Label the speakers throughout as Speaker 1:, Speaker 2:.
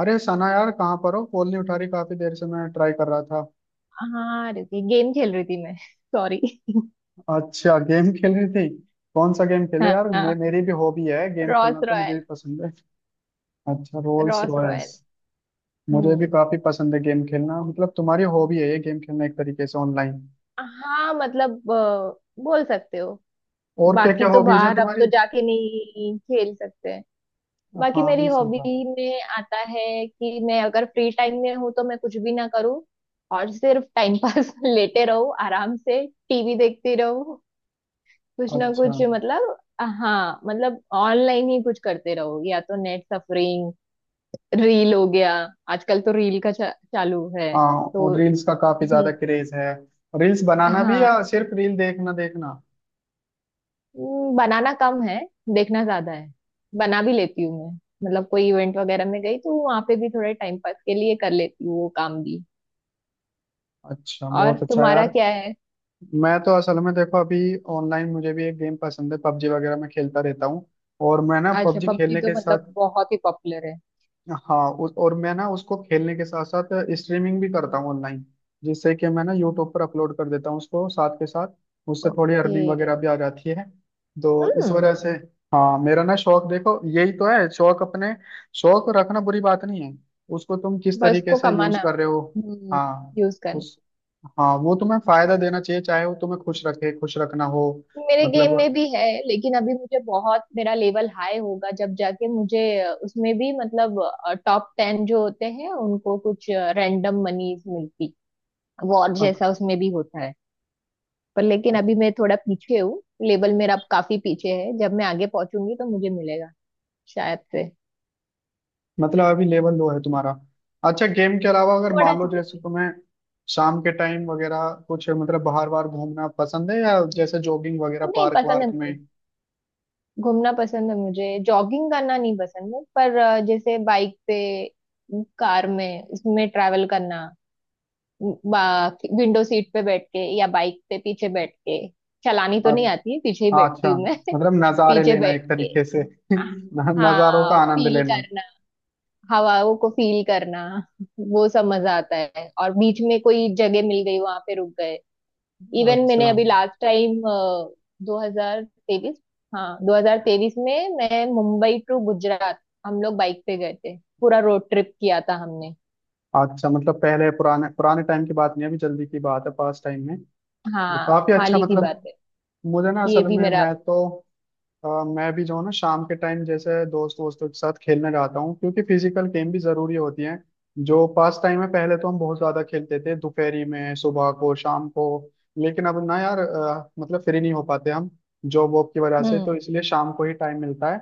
Speaker 1: अरे सना यार, कहाँ पर हो? कॉल नहीं उठा रही, काफी देर से मैं ट्राई कर रहा था।
Speaker 2: हाँ रुकी गेम खेल रही थी मैं सॉरी।
Speaker 1: अच्छा, गेम खेल रही थी। कौन सा गेम खेलो यार? मे,
Speaker 2: हाँ।
Speaker 1: मेरी भी हॉबी है गेम
Speaker 2: रॉस
Speaker 1: खेलना, तो मुझे भी
Speaker 2: रॉयल।
Speaker 1: पसंद है। अच्छा, रोल्स
Speaker 2: रॉस
Speaker 1: रॉयस।
Speaker 2: रॉयल।
Speaker 1: मुझे भी
Speaker 2: हम्म।
Speaker 1: काफी पसंद है गेम खेलना। मतलब तुम्हारी हॉबी है ये गेम खेलना एक तरीके से, ऑनलाइन।
Speaker 2: हाँ मतलब बोल सकते हो।
Speaker 1: और क्या क्या
Speaker 2: बाकी तो
Speaker 1: हॉबीज है
Speaker 2: बाहर अब
Speaker 1: तुम्हारी?
Speaker 2: तो जाके नहीं खेल सकते हैं। बाकी
Speaker 1: हाँ,
Speaker 2: मेरी
Speaker 1: नहीं, सही
Speaker 2: हॉबी
Speaker 1: बात।
Speaker 2: में आता है कि मैं अगर फ्री टाइम में हूँ तो मैं कुछ भी ना करूँ और सिर्फ टाइम पास लेटे रहूँ, आराम से टीवी देखती रहूँ, कुछ ना
Speaker 1: अच्छा।
Speaker 2: कुछ मतलब। हाँ मतलब ऑनलाइन ही कुछ करते रहो या तो नेट सफरिंग, रील हो गया। आजकल तो रील का चालू है
Speaker 1: हाँ, और
Speaker 2: तो।
Speaker 1: रील्स का काफी ज्यादा
Speaker 2: हम्म।
Speaker 1: क्रेज है। रील्स बनाना भी
Speaker 2: हाँ।
Speaker 1: या सिर्फ रील देखना देखना?
Speaker 2: बनाना कम है, देखना ज्यादा है। बना भी लेती हूँ मैं, मतलब कोई इवेंट वगैरह में गई तो वहां पे भी थोड़े टाइम पास के लिए कर लेती हूँ वो काम भी।
Speaker 1: अच्छा,
Speaker 2: और
Speaker 1: बहुत अच्छा
Speaker 2: तुम्हारा
Speaker 1: यार।
Speaker 2: क्या है?
Speaker 1: मैं तो असल में देखो, अभी ऑनलाइन मुझे भी एक गेम पसंद है, पबजी वगैरह मैं खेलता रहता हूँ। और मैं ना
Speaker 2: अच्छा
Speaker 1: पबजी
Speaker 2: पबजी
Speaker 1: खेलने
Speaker 2: तो
Speaker 1: के
Speaker 2: मतलब
Speaker 1: साथ।
Speaker 2: बहुत ही पॉपुलर है।
Speaker 1: हाँ, और मैं ना उसको खेलने के साथ साथ स्ट्रीमिंग भी करता हूँ ऑनलाइन। जिससे कि मैं ना यूट्यूब पर अपलोड कर देता हूँ उसको साथ के साथ। उससे थोड़ी
Speaker 2: ओके।
Speaker 1: अर्निंग वगैरह भी आ जाती है। तो इस
Speaker 2: हम्म।
Speaker 1: वजह से। हाँ, मेरा ना शौक देखो, यही तो है शौक अपने। शौक रखना बुरी बात नहीं है। उसको तुम किस
Speaker 2: बस
Speaker 1: तरीके
Speaker 2: को
Speaker 1: से यूज
Speaker 2: कमाना।
Speaker 1: कर रहे हो?
Speaker 2: हम्म।
Speaker 1: हाँ,
Speaker 2: यूज करना।
Speaker 1: उस। हाँ, वो तुम्हें फायदा देना चाहिए, चाहे वो तुम्हें खुश रखे, खुश रखना हो।
Speaker 2: मेरे गेम में
Speaker 1: मतलब।
Speaker 2: भी है लेकिन अभी मुझे बहुत, मेरा लेवल हाई होगा जब जाके मुझे उसमें भी मतलब टॉप टेन जो होते हैं उनको कुछ रैंडम मनीज मिलती, वॉर जैसा उसमें भी होता है। पर लेकिन अभी मैं थोड़ा पीछे हूँ, लेवल मेरा अब काफी पीछे है। जब मैं आगे पहुंचूंगी तो मुझे मिलेगा शायद से।
Speaker 1: मतलब अभी लेवल लो है तुम्हारा। अच्छा, गेम के अलावा अगर
Speaker 2: थोड़ा
Speaker 1: मान
Speaker 2: सा
Speaker 1: लो जैसे
Speaker 2: पीछे।
Speaker 1: तुम्हें शाम के टाइम वगैरह कुछ मतलब बाहर बाहर घूमना पसंद है, या जैसे जॉगिंग वगैरह
Speaker 2: पर नहीं
Speaker 1: पार्क
Speaker 2: पसंद है
Speaker 1: वार्क में?
Speaker 2: मुझे, घूमना पसंद है मुझे, जॉगिंग करना नहीं पसंद है। पर जैसे बाइक पे, कार में, इसमें ट्रैवल करना, विंडो सीट पे बैठ के या बाइक पे पीछे बैठ के। चलानी तो
Speaker 1: अ-
Speaker 2: नहीं आती है, पीछे ही
Speaker 1: हाँ,
Speaker 2: बैठती
Speaker 1: अच्छा,
Speaker 2: हूँ मैं
Speaker 1: मतलब नज़ारे
Speaker 2: पीछे
Speaker 1: लेना एक
Speaker 2: बैठ के।
Speaker 1: तरीके से नज़ारों का
Speaker 2: हाँ
Speaker 1: आनंद
Speaker 2: फील
Speaker 1: लेना।
Speaker 2: करना, हवाओं को फील करना, वो सब मजा आता है। और बीच में कोई जगह मिल गई वहां पे रुक गए। इवन मैंने
Speaker 1: अच्छा।
Speaker 2: अभी लास्ट टाइम 2023, हाँ 2023 में मैं मुंबई टू गुजरात हम लोग बाइक पे गए थे। पूरा रोड ट्रिप किया था हमने।
Speaker 1: अच्छा, मतलब पहले पुराने पुराने टाइम की बात नहीं, अभी जल्दी की बात है, पास टाइम में। तो
Speaker 2: हाँ
Speaker 1: काफी
Speaker 2: हाल
Speaker 1: अच्छा,
Speaker 2: ही की
Speaker 1: मतलब
Speaker 2: बात है।
Speaker 1: मुझे ना
Speaker 2: ये
Speaker 1: असल
Speaker 2: भी
Speaker 1: में,
Speaker 2: मेरा।
Speaker 1: मैं तो मैं भी जो है ना शाम के टाइम जैसे दोस्त वोस्तों के साथ खेलने जाता हूँ, क्योंकि फिजिकल गेम भी जरूरी होती हैं। जो पास टाइम है, पहले तो हम बहुत ज्यादा खेलते थे, दोपहरी में, सुबह को, शाम को। लेकिन अब ना यार, मतलब फ्री नहीं हो पाते हम। जॉब वॉब की वजह से, तो
Speaker 2: हम्म।
Speaker 1: इसलिए शाम को ही टाइम मिलता है।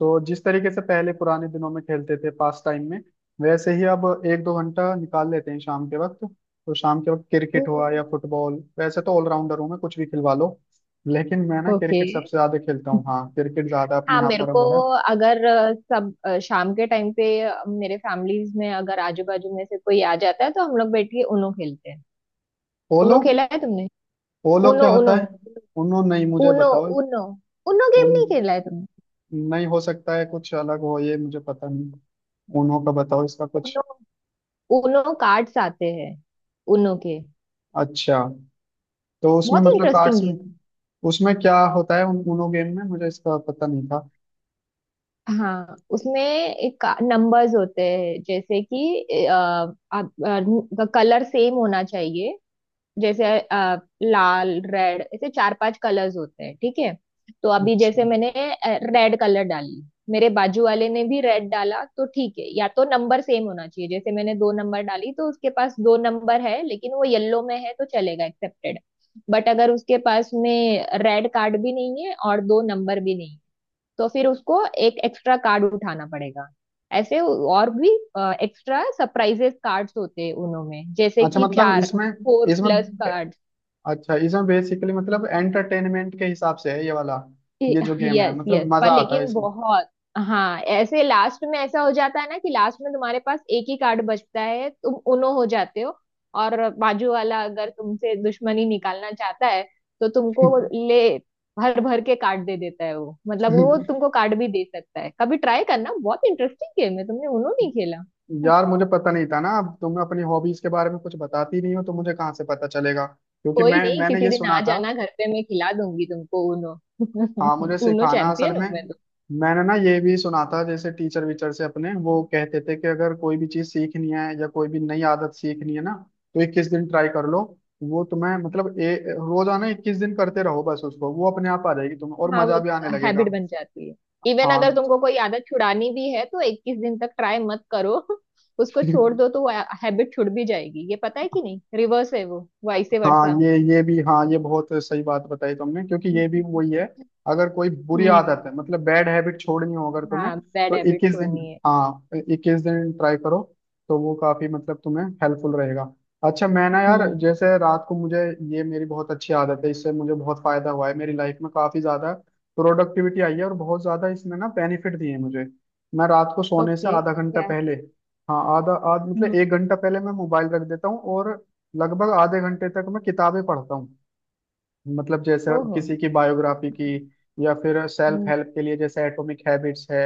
Speaker 1: तो जिस तरीके से पहले पुराने दिनों में खेलते थे पास टाइम में, वैसे ही अब एक दो घंटा निकाल लेते हैं शाम के वक्त। तो शाम के वक्त क्रिकेट हुआ
Speaker 2: ओके।
Speaker 1: या फुटबॉल, वैसे तो ऑलराउंडर हूँ मैं, कुछ भी खिलवा लो। लेकिन मैं ना क्रिकेट सबसे ज्यादा खेलता हूँ। हाँ, क्रिकेट ज्यादा अपने
Speaker 2: हाँ
Speaker 1: यहाँ
Speaker 2: मेरे
Speaker 1: पर
Speaker 2: को
Speaker 1: वो है।
Speaker 2: अगर सब शाम के टाइम पे मेरे फैमिलीज में अगर आजू बाजू में से कोई आ जाता है तो हम लोग बैठ के उनो खेलते हैं।
Speaker 1: पोलो।
Speaker 2: उनो खेला है तुमने?
Speaker 1: पोलो
Speaker 2: उनो
Speaker 1: क्या होता
Speaker 2: उनो
Speaker 1: है? उन्होंने नहीं, मुझे
Speaker 2: उनो।
Speaker 1: बताओ।
Speaker 2: उनो। उनो
Speaker 1: उन।
Speaker 2: गेम नहीं खेला है तुमने?
Speaker 1: नहीं, हो सकता है कुछ अलग हो, ये मुझे पता नहीं। उन्हों का बताओ, इसका कुछ।
Speaker 2: उनो। उनो कार्ड्स आते हैं उनो के,
Speaker 1: अच्छा। तो उसमें
Speaker 2: बहुत ही
Speaker 1: मतलब
Speaker 2: इंटरेस्टिंग
Speaker 1: कार्ड्स में।
Speaker 2: गेम।
Speaker 1: उसमें क्या होता है उन उनो गेम में? मुझे इसका पता नहीं था।
Speaker 2: हाँ उसमें एक नंबर्स होते हैं, जैसे कि आप कलर सेम होना चाहिए। जैसे लाल, रेड, ऐसे चार पांच कलर्स होते हैं ठीक है। तो अभी जैसे
Speaker 1: अच्छा।
Speaker 2: मैंने रेड कलर डाली, मेरे बाजू वाले ने भी रेड डाला तो ठीक है। या तो नंबर सेम होना चाहिए, जैसे मैंने दो नंबर डाली तो उसके पास दो नंबर है लेकिन वो येलो में है तो चलेगा, एक्सेप्टेड। बट अगर उसके पास में रेड कार्ड भी नहीं है और दो नंबर भी नहीं है, तो फिर उसको एक एक्स्ट्रा कार्ड उठाना पड़ेगा। ऐसे और भी एक्स्ट्रा सरप्राइजेस कार्ड्स होते हैं उनमें, जैसे
Speaker 1: अच्छा
Speaker 2: कि
Speaker 1: मतलब
Speaker 2: चार,
Speaker 1: इसमें,
Speaker 2: फोर
Speaker 1: इसमें,
Speaker 2: प्लस कार्ड।
Speaker 1: अच्छा, इसमें बेसिकली मतलब एंटरटेनमेंट के हिसाब से है ये वाला। ये जो गेम है,
Speaker 2: यस यस,
Speaker 1: मतलब मजा
Speaker 2: पर
Speaker 1: आता है
Speaker 2: लेकिन
Speaker 1: इसमें?
Speaker 2: बहुत। हाँ ऐसे लास्ट में ऐसा हो जाता है ना कि लास्ट में तुम्हारे पास एक ही कार्ड बचता है, तुम उनो हो जाते हो। और बाजू वाला अगर तुमसे दुश्मनी निकालना चाहता है तो तुमको ले, भर भर के कार्ड दे देता है वो। मतलब वो तुमको कार्ड भी दे सकता है। कभी ट्राई करना, बहुत इंटरेस्टिंग गेम है। तुमने उनो नहीं खेला।
Speaker 1: यार, मुझे पता नहीं था ना, अब तुम अपनी हॉबीज के बारे में कुछ बताती नहीं हो तो मुझे कहाँ से पता चलेगा? क्योंकि
Speaker 2: कोई
Speaker 1: मैं
Speaker 2: नहीं,
Speaker 1: मैंने
Speaker 2: किसी
Speaker 1: ये
Speaker 2: दिन आ
Speaker 1: सुना था।
Speaker 2: जाना घर पे, मैं खिला दूंगी तुमको उनो।
Speaker 1: हाँ, मुझे
Speaker 2: उनो
Speaker 1: सिखाना असल
Speaker 2: चैंपियन
Speaker 1: में।
Speaker 2: हूँ।
Speaker 1: मैंने ना ये भी सुना था, जैसे टीचर वीचर से अपने वो कहते थे कि अगर कोई भी चीज सीखनी है या कोई भी नई आदत सीखनी है ना, तो 21 दिन ट्राई कर लो। वो तुम्हें मतलब, ए, रोजाना 21 दिन करते रहो बस उसको, वो अपने आप आ जाएगी तुम्हें और
Speaker 2: हाँ
Speaker 1: मजा
Speaker 2: वो
Speaker 1: भी आने
Speaker 2: हैबिट
Speaker 1: लगेगा।
Speaker 2: बन जाती है। इवन
Speaker 1: हाँ।
Speaker 2: अगर तुमको कोई आदत छुड़ानी भी है तो 21 दिन तक ट्राई मत करो। उसको छोड़ दो तो वो हैबिट छुड़ भी जाएगी। ये पता है कि नहीं, रिवर्स है वो, वाइसे
Speaker 1: हाँ,
Speaker 2: वर्सा।
Speaker 1: ये भी, हाँ, ये बहुत सही बात बताई तुमने, क्योंकि ये भी वही है। अगर कोई बुरी
Speaker 2: हम्म।
Speaker 1: आदत है, मतलब बैड हैबिट छोड़नी हो अगर तुम्हें,
Speaker 2: हाँ बैड
Speaker 1: तो
Speaker 2: हैबिट
Speaker 1: 21 दिन,
Speaker 2: छोड़नी है।
Speaker 1: हाँ, 21 दिन ट्राई करो। तो वो काफी, मतलब, तुम्हें हेल्पफुल रहेगा। अच्छा, मैं ना यार
Speaker 2: हम्म।
Speaker 1: जैसे रात को मुझे, ये मेरी बहुत अच्छी आदत है, इससे मुझे बहुत फायदा हुआ है मेरी लाइफ में, काफी ज्यादा प्रोडक्टिविटी आई है, और बहुत ज्यादा इसने ना बेनिफिट दिए हैं मुझे। मैं रात को सोने से
Speaker 2: ओके
Speaker 1: आधा घंटा
Speaker 2: क्या है?
Speaker 1: पहले, हाँ, आधा आध मतलब
Speaker 2: हम्म।
Speaker 1: एक घंटा पहले मैं मोबाइल रख देता हूँ, और लगभग आधे घंटे तक मैं किताबें पढ़ता हूँ। मतलब जैसे
Speaker 2: ओहो।
Speaker 1: किसी की बायोग्राफी की, या फिर सेल्फ
Speaker 2: हम्म।
Speaker 1: हेल्प के लिए, जैसे एटॉमिक हैबिट्स है,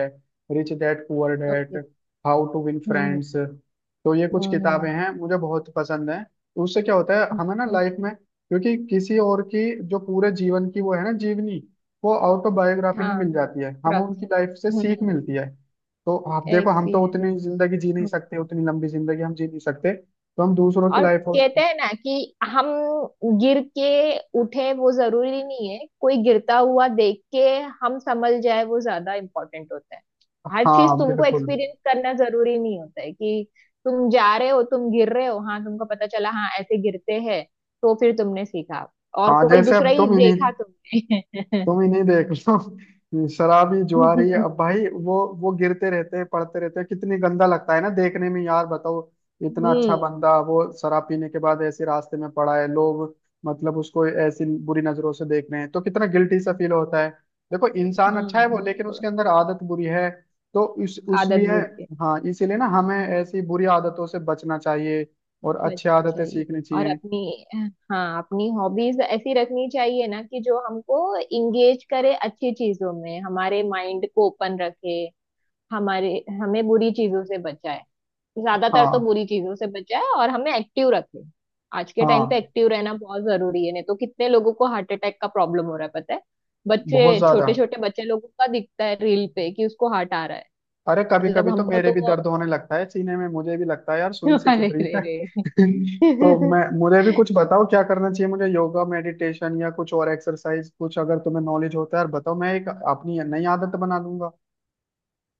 Speaker 1: rich dad poor dad,
Speaker 2: okay.
Speaker 1: How to win
Speaker 2: Okay, hmm.
Speaker 1: Friends. तो ये कुछ
Speaker 2: हम्म,
Speaker 1: किताबें हैं, मुझे बहुत पसंद है। उससे क्या होता है
Speaker 2: हम्म,
Speaker 1: हमें ना
Speaker 2: हम्म,
Speaker 1: लाइफ में, क्योंकि किसी और की जो पूरे जीवन की वो है ना, जीवनी, वो ऑटोबायोग्राफी
Speaker 2: हाँ
Speaker 1: में मिल जाती है, हमें
Speaker 2: क्रक्स।
Speaker 1: उनकी लाइफ से सीख
Speaker 2: हम्म।
Speaker 1: मिलती है। तो आप देखो, हम तो
Speaker 2: एक्सपीरियंस।
Speaker 1: उतनी जिंदगी जी नहीं सकते, उतनी लंबी जिंदगी हम जी नहीं सकते। तो हम दूसरों की
Speaker 2: और
Speaker 1: लाइफ।
Speaker 2: कहते हैं ना कि हम गिर के उठे वो जरूरी नहीं है। कोई गिरता हुआ देख के हम संभल जाए वो ज्यादा इम्पोर्टेंट होता है। हर चीज
Speaker 1: हाँ,
Speaker 2: तुमको
Speaker 1: बिल्कुल।
Speaker 2: एक्सपीरियंस करना जरूरी नहीं होता है कि तुम जा रहे हो, तुम गिर रहे हो, हाँ तुमको पता चला हाँ ऐसे गिरते हैं तो फिर तुमने सीखा। और
Speaker 1: हाँ,
Speaker 2: कोई
Speaker 1: जैसे अब
Speaker 2: दूसरा ही
Speaker 1: तुम इन्हीं,
Speaker 2: देखा तुमने
Speaker 1: तुम इन्हीं देख लो, शराबी जुआरी, अब भाई वो गिरते रहते हैं, पड़ते रहते हैं, कितनी गंदा लगता है ना देखने में यार, बताओ। इतना अच्छा
Speaker 2: हम्म।
Speaker 1: बंदा, वो शराब पीने के बाद ऐसे रास्ते में पड़ा है, लोग मतलब उसको ऐसी बुरी नजरों से देख रहे हैं, तो कितना गिल्टी सा फील होता है। देखो इंसान अच्छा है वो,
Speaker 2: हम्म।
Speaker 1: लेकिन उसके अंदर आदत बुरी है। तो इस
Speaker 2: आदत
Speaker 1: उसलिए,
Speaker 2: बुद्धि।
Speaker 1: हाँ, इसीलिए ना हमें ऐसी बुरी आदतों से बचना चाहिए। और अच्छी
Speaker 2: बचना
Speaker 1: आदतें
Speaker 2: चाहिए
Speaker 1: सीखनी
Speaker 2: और
Speaker 1: चाहिए।
Speaker 2: अपनी, हाँ अपनी हॉबीज ऐसी रखनी चाहिए ना कि जो हमको इंगेज करे अच्छी चीजों में, हमारे माइंड को ओपन रखे, हमारे, हमें बुरी चीजों से बचाए, ज्यादातर तो
Speaker 1: हाँ।
Speaker 2: बुरी चीजों से बचाए और हमें एक्टिव रखे। आज के टाइम पे
Speaker 1: हाँ।
Speaker 2: एक्टिव रहना बहुत जरूरी है, नहीं तो कितने लोगों को हार्ट अटैक का प्रॉब्लम हो रहा है पता है।
Speaker 1: बहुत
Speaker 2: बच्चे,
Speaker 1: ज्यादा।
Speaker 2: छोटे छोटे बच्चे लोगों का दिखता है रील पे कि उसको हार्ट आ रहा है।
Speaker 1: अरे, कभी
Speaker 2: मतलब
Speaker 1: कभी तो
Speaker 2: हमको
Speaker 1: मेरे भी
Speaker 2: तो
Speaker 1: दर्द होने लगता है सीने में, मुझे भी लगता है यार सुई से चुभ
Speaker 2: अरे
Speaker 1: रही
Speaker 2: रे
Speaker 1: है
Speaker 2: रे
Speaker 1: तो मैं मुझे भी कुछ बताओ क्या करना चाहिए, मुझे योगा, मेडिटेशन या कुछ और एक्सरसाइज कुछ, अगर तुम्हें नॉलेज होता है यार बताओ, मैं एक अपनी नई आदत बना लूंगा।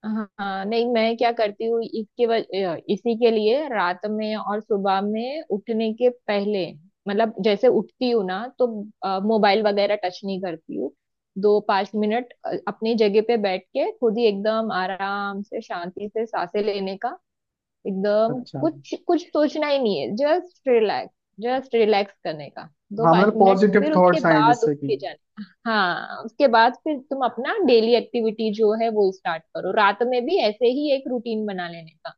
Speaker 2: हाँ हाँ, नहीं मैं क्या करती हूँ, इसके इसी के लिए रात में और सुबह में उठने के पहले, मतलब जैसे उठती हूँ ना तो मोबाइल वगैरह टच नहीं करती हूँ। दो पांच मिनट अपनी जगह पे बैठ के खुद ही एकदम आराम से शांति से सांसें लेने का, एकदम
Speaker 1: अच्छा।
Speaker 2: कुछ कुछ सोचना ही नहीं है, जस्ट रिलैक्स, जस्ट रिलैक्स करने का। दो
Speaker 1: हाँ,
Speaker 2: पांच
Speaker 1: मतलब
Speaker 2: मिनट
Speaker 1: पॉजिटिव
Speaker 2: फिर उसके
Speaker 1: थॉट्स आए
Speaker 2: बाद उठ
Speaker 1: जिससे कि,
Speaker 2: के जाने का। हाँ उसके बाद फिर तुम अपना डेली एक्टिविटी जो है वो स्टार्ट करो। रात में भी ऐसे ही एक रूटीन बना लेने का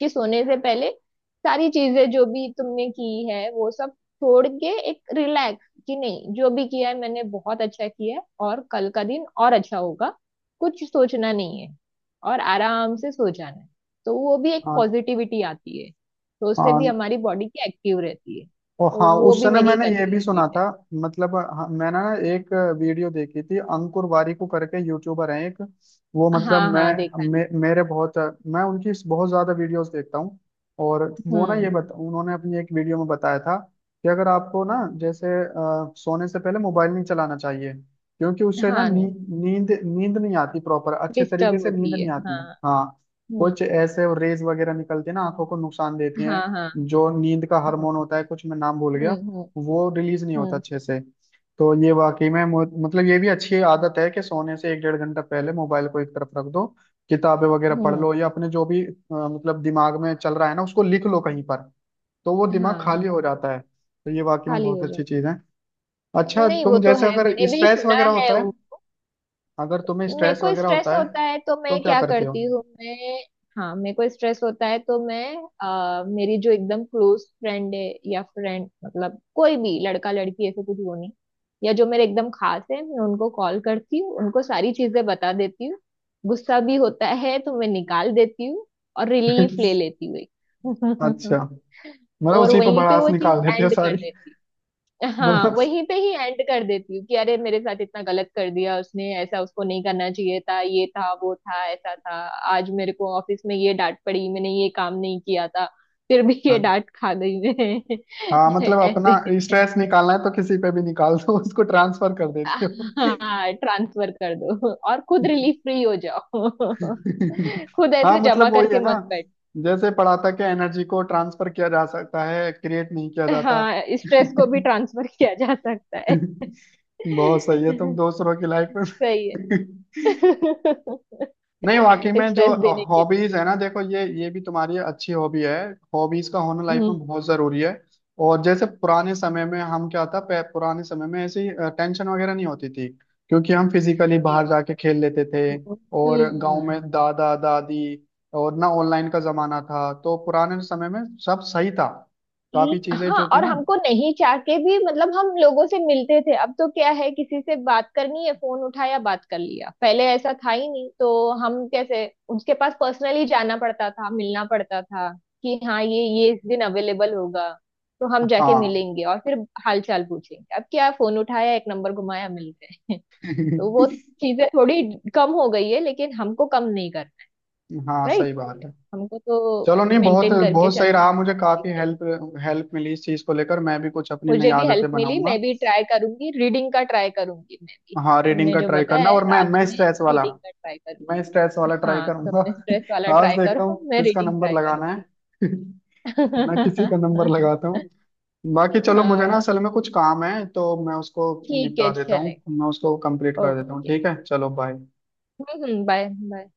Speaker 2: कि सोने से पहले सारी चीजें जो भी तुमने की है वो सब छोड़ के एक रिलैक्स, कि नहीं जो भी किया है मैंने बहुत अच्छा किया है और कल का दिन और अच्छा होगा, कुछ सोचना नहीं है और आराम से सो जाना है। तो वो भी एक
Speaker 1: हाँ,
Speaker 2: पॉजिटिविटी आती है, तो उससे भी
Speaker 1: हाँ,
Speaker 2: हमारी बॉडी की एक्टिव रहती है।
Speaker 1: और
Speaker 2: तो
Speaker 1: हाँ,
Speaker 2: वो
Speaker 1: उस
Speaker 2: भी
Speaker 1: समय
Speaker 2: मेरी एक
Speaker 1: मैंने ये
Speaker 2: अच्छी
Speaker 1: भी सुना
Speaker 2: हैबिट
Speaker 1: था।
Speaker 2: है।
Speaker 1: मतलब हाँ, मैंने ना एक वीडियो देखी थी, अंकुर वारिकू करके यूट्यूबर हैं एक। वो मतलब
Speaker 2: हाँ हाँ देखा है।
Speaker 1: मेरे बहुत, मैं उनकी बहुत ज्यादा वीडियोस देखता हूँ। और वो ना ये
Speaker 2: हम्म।
Speaker 1: बता उन्होंने अपनी एक वीडियो में बताया था कि अगर आपको ना, जैसे सोने से पहले मोबाइल नहीं चलाना चाहिए। क्योंकि उससे ना नी,
Speaker 2: हाँ,
Speaker 1: नींद नींद नहीं आती प्रॉपर, अच्छे
Speaker 2: डिस्टर्ब
Speaker 1: तरीके से नींद
Speaker 2: होती है
Speaker 1: नहीं आती।
Speaker 2: हाँ।
Speaker 1: हाँ।
Speaker 2: हम्म।
Speaker 1: कुछ ऐसे रेज वगैरह निकलती है ना, आंखों को नुकसान देती
Speaker 2: हाँ हाँ।
Speaker 1: हैं। जो नींद का
Speaker 2: हम्म
Speaker 1: हार्मोन होता है कुछ, मैं नाम भूल
Speaker 2: हम्म।
Speaker 1: गया।
Speaker 2: हम्म।
Speaker 1: वो रिलीज नहीं होता
Speaker 2: हम्म।
Speaker 1: अच्छे से। तो ये वाकई में मतलब ये भी अच्छी आदत है कि सोने से एक डेढ़ घंटा पहले मोबाइल को एक तरफ रख दो। किताबें वगैरह पढ़
Speaker 2: हम्म,
Speaker 1: लो, या अपने जो भी मतलब दिमाग में चल रहा है ना उसको लिख लो कहीं पर। तो वो दिमाग
Speaker 2: हाँ
Speaker 1: खाली हो जाता है, तो ये वाकई में
Speaker 2: खाली
Speaker 1: बहुत
Speaker 2: हो
Speaker 1: अच्छी
Speaker 2: जाती।
Speaker 1: चीज है। अच्छा,
Speaker 2: नहीं वो
Speaker 1: तुम
Speaker 2: तो
Speaker 1: जैसे
Speaker 2: है,
Speaker 1: अगर
Speaker 2: मैंने भी
Speaker 1: स्ट्रेस
Speaker 2: सुना
Speaker 1: वगैरह
Speaker 2: है
Speaker 1: होता है,
Speaker 2: उन।
Speaker 1: अगर तुम्हें
Speaker 2: मेरे
Speaker 1: स्ट्रेस
Speaker 2: को
Speaker 1: वगैरह
Speaker 2: स्ट्रेस
Speaker 1: होता है
Speaker 2: होता है तो
Speaker 1: तो
Speaker 2: मैं
Speaker 1: क्या
Speaker 2: क्या
Speaker 1: करते हो?
Speaker 2: करती हूँ, मैं, हाँ मेरे को स्ट्रेस होता है तो मैं मेरी जो एकदम क्लोज फ्रेंड है, या फ्रेंड मतलब कोई भी लड़का लड़की ऐसे कुछ वो नहीं, या जो मेरे एकदम खास है, मैं उनको कॉल करती हूँ, उनको सारी चीजें बता देती हूँ। गुस्सा भी होता है तो मैं निकाल देती हूँ और रिलीफ ले लेती हूँ एक।
Speaker 1: अच्छा, मतलब
Speaker 2: और
Speaker 1: उसी पर
Speaker 2: वहीं पे
Speaker 1: भड़ास
Speaker 2: वो चीज
Speaker 1: निकाल देते हो
Speaker 2: एंड कर
Speaker 1: सारी।
Speaker 2: देती हूँ। हाँ
Speaker 1: मतलब,
Speaker 2: वहीं पे ही एंड कर देती हूँ कि अरे मेरे साथ इतना गलत कर दिया उसने, ऐसा उसको नहीं करना चाहिए था, ये था वो था ऐसा था, आज मेरे को ऑफिस में ये डांट पड़ी, मैंने ये काम नहीं किया था फिर भी ये डांट खा गई
Speaker 1: हाँ,
Speaker 2: मैं
Speaker 1: मतलब अपना
Speaker 2: ऐसे।
Speaker 1: स्ट्रेस निकालना है तो किसी पे भी निकाल दो, उसको ट्रांसफर कर देती हो।
Speaker 2: हाँ ट्रांसफर कर दो और खुद रिलीफ फ्री हो जाओ। खुद
Speaker 1: हाँ,
Speaker 2: ऐसे जमा
Speaker 1: मतलब वही
Speaker 2: करके
Speaker 1: है ना,
Speaker 2: मत बैठ।
Speaker 1: जैसे पढ़ा था कि एनर्जी को ट्रांसफर किया जा सकता है, क्रिएट नहीं किया जाता।
Speaker 2: हाँ स्ट्रेस को भी ट्रांसफर किया जा सकता है
Speaker 1: बहुत सही है, तुम दूसरों की लाइफ
Speaker 2: सही
Speaker 1: में
Speaker 2: है
Speaker 1: नहीं वाकई में, जो
Speaker 2: स्ट्रेस देने के लिए।
Speaker 1: हॉबीज है ना, देखो ये भी तुम्हारी अच्छी हॉबी है। हॉबीज का होना लाइफ में
Speaker 2: हम्म।
Speaker 1: बहुत जरूरी है। और जैसे पुराने समय में हम क्या था, पुराने समय में ऐसी टेंशन वगैरह नहीं होती थी। क्योंकि हम फिजिकली
Speaker 2: नहीं,
Speaker 1: बाहर जाके खेल लेते थे।
Speaker 2: हम्म।
Speaker 1: और गांव में दादा दादी, और ना ऑनलाइन का जमाना था, तो पुराने समय में सब सही था, काफी
Speaker 2: ई-
Speaker 1: चीजें
Speaker 2: हाँ,
Speaker 1: जो थी
Speaker 2: और
Speaker 1: ना।
Speaker 2: हमको नहीं चाह के भी मतलब, हम लोगों से मिलते थे। अब तो क्या है, किसी से बात करनी है फोन उठाया बात कर लिया। पहले ऐसा था ही नहीं तो, हम कैसे, उसके पास पर्सनली जाना पड़ता था, मिलना पड़ता था कि हाँ ये इस दिन अवेलेबल होगा, तो हम जाके
Speaker 1: हाँ।
Speaker 2: मिलेंगे और फिर हाल चाल पूछेंगे। अब क्या, फोन उठाया, एक नंबर घुमाया, मिल गए तो वो चीजें थोड़ी कम हो गई है, लेकिन हमको कम नहीं करना।
Speaker 1: हाँ,
Speaker 2: राइट।
Speaker 1: सही बात है।
Speaker 2: हमको तो
Speaker 1: चलो, नहीं, बहुत
Speaker 2: मेंटेन करके
Speaker 1: बहुत सही
Speaker 2: चलना है,
Speaker 1: रहा, मुझे
Speaker 2: बॉडी
Speaker 1: काफी
Speaker 2: के लिए।
Speaker 1: हेल्प, हेल्प मिली इस चीज को लेकर, मैं भी कुछ अपनी नई
Speaker 2: मुझे भी हेल्प
Speaker 1: आदतें
Speaker 2: मिली,
Speaker 1: बनाऊंगा।
Speaker 2: मैं भी ट्राई करूंगी, रीडिंग का ट्राई करूंगी मैं भी,
Speaker 1: हाँ, रीडिंग
Speaker 2: तुमने
Speaker 1: का
Speaker 2: जो
Speaker 1: ट्राई
Speaker 2: बताया
Speaker 1: करना,
Speaker 2: है
Speaker 1: और मैं
Speaker 2: रात
Speaker 1: मैं
Speaker 2: में,
Speaker 1: स्ट्रेस वाला,
Speaker 2: रीडिंग का ट्राई
Speaker 1: मैं
Speaker 2: करूंगी।
Speaker 1: स्ट्रेस वाला ट्राई
Speaker 2: हाँ
Speaker 1: करूंगा।
Speaker 2: तुमने स्ट्रेस वाला
Speaker 1: आज
Speaker 2: ट्राई
Speaker 1: देखता हूँ
Speaker 2: करो, मैं
Speaker 1: किसका
Speaker 2: रीडिंग
Speaker 1: नंबर
Speaker 2: ट्राई
Speaker 1: लगाना
Speaker 2: करूंगी
Speaker 1: है। मैं किसी का नंबर लगाता हूँ। बाकी चलो, मुझे ना
Speaker 2: हाँ
Speaker 1: असल में कुछ काम है, तो मैं उसको
Speaker 2: ठीक है
Speaker 1: निपटा देता
Speaker 2: चलेगा।
Speaker 1: हूँ, मैं उसको कंप्लीट कर देता हूँ,
Speaker 2: ओके।
Speaker 1: ठीक है, चलो बाय।
Speaker 2: बाय। बाय।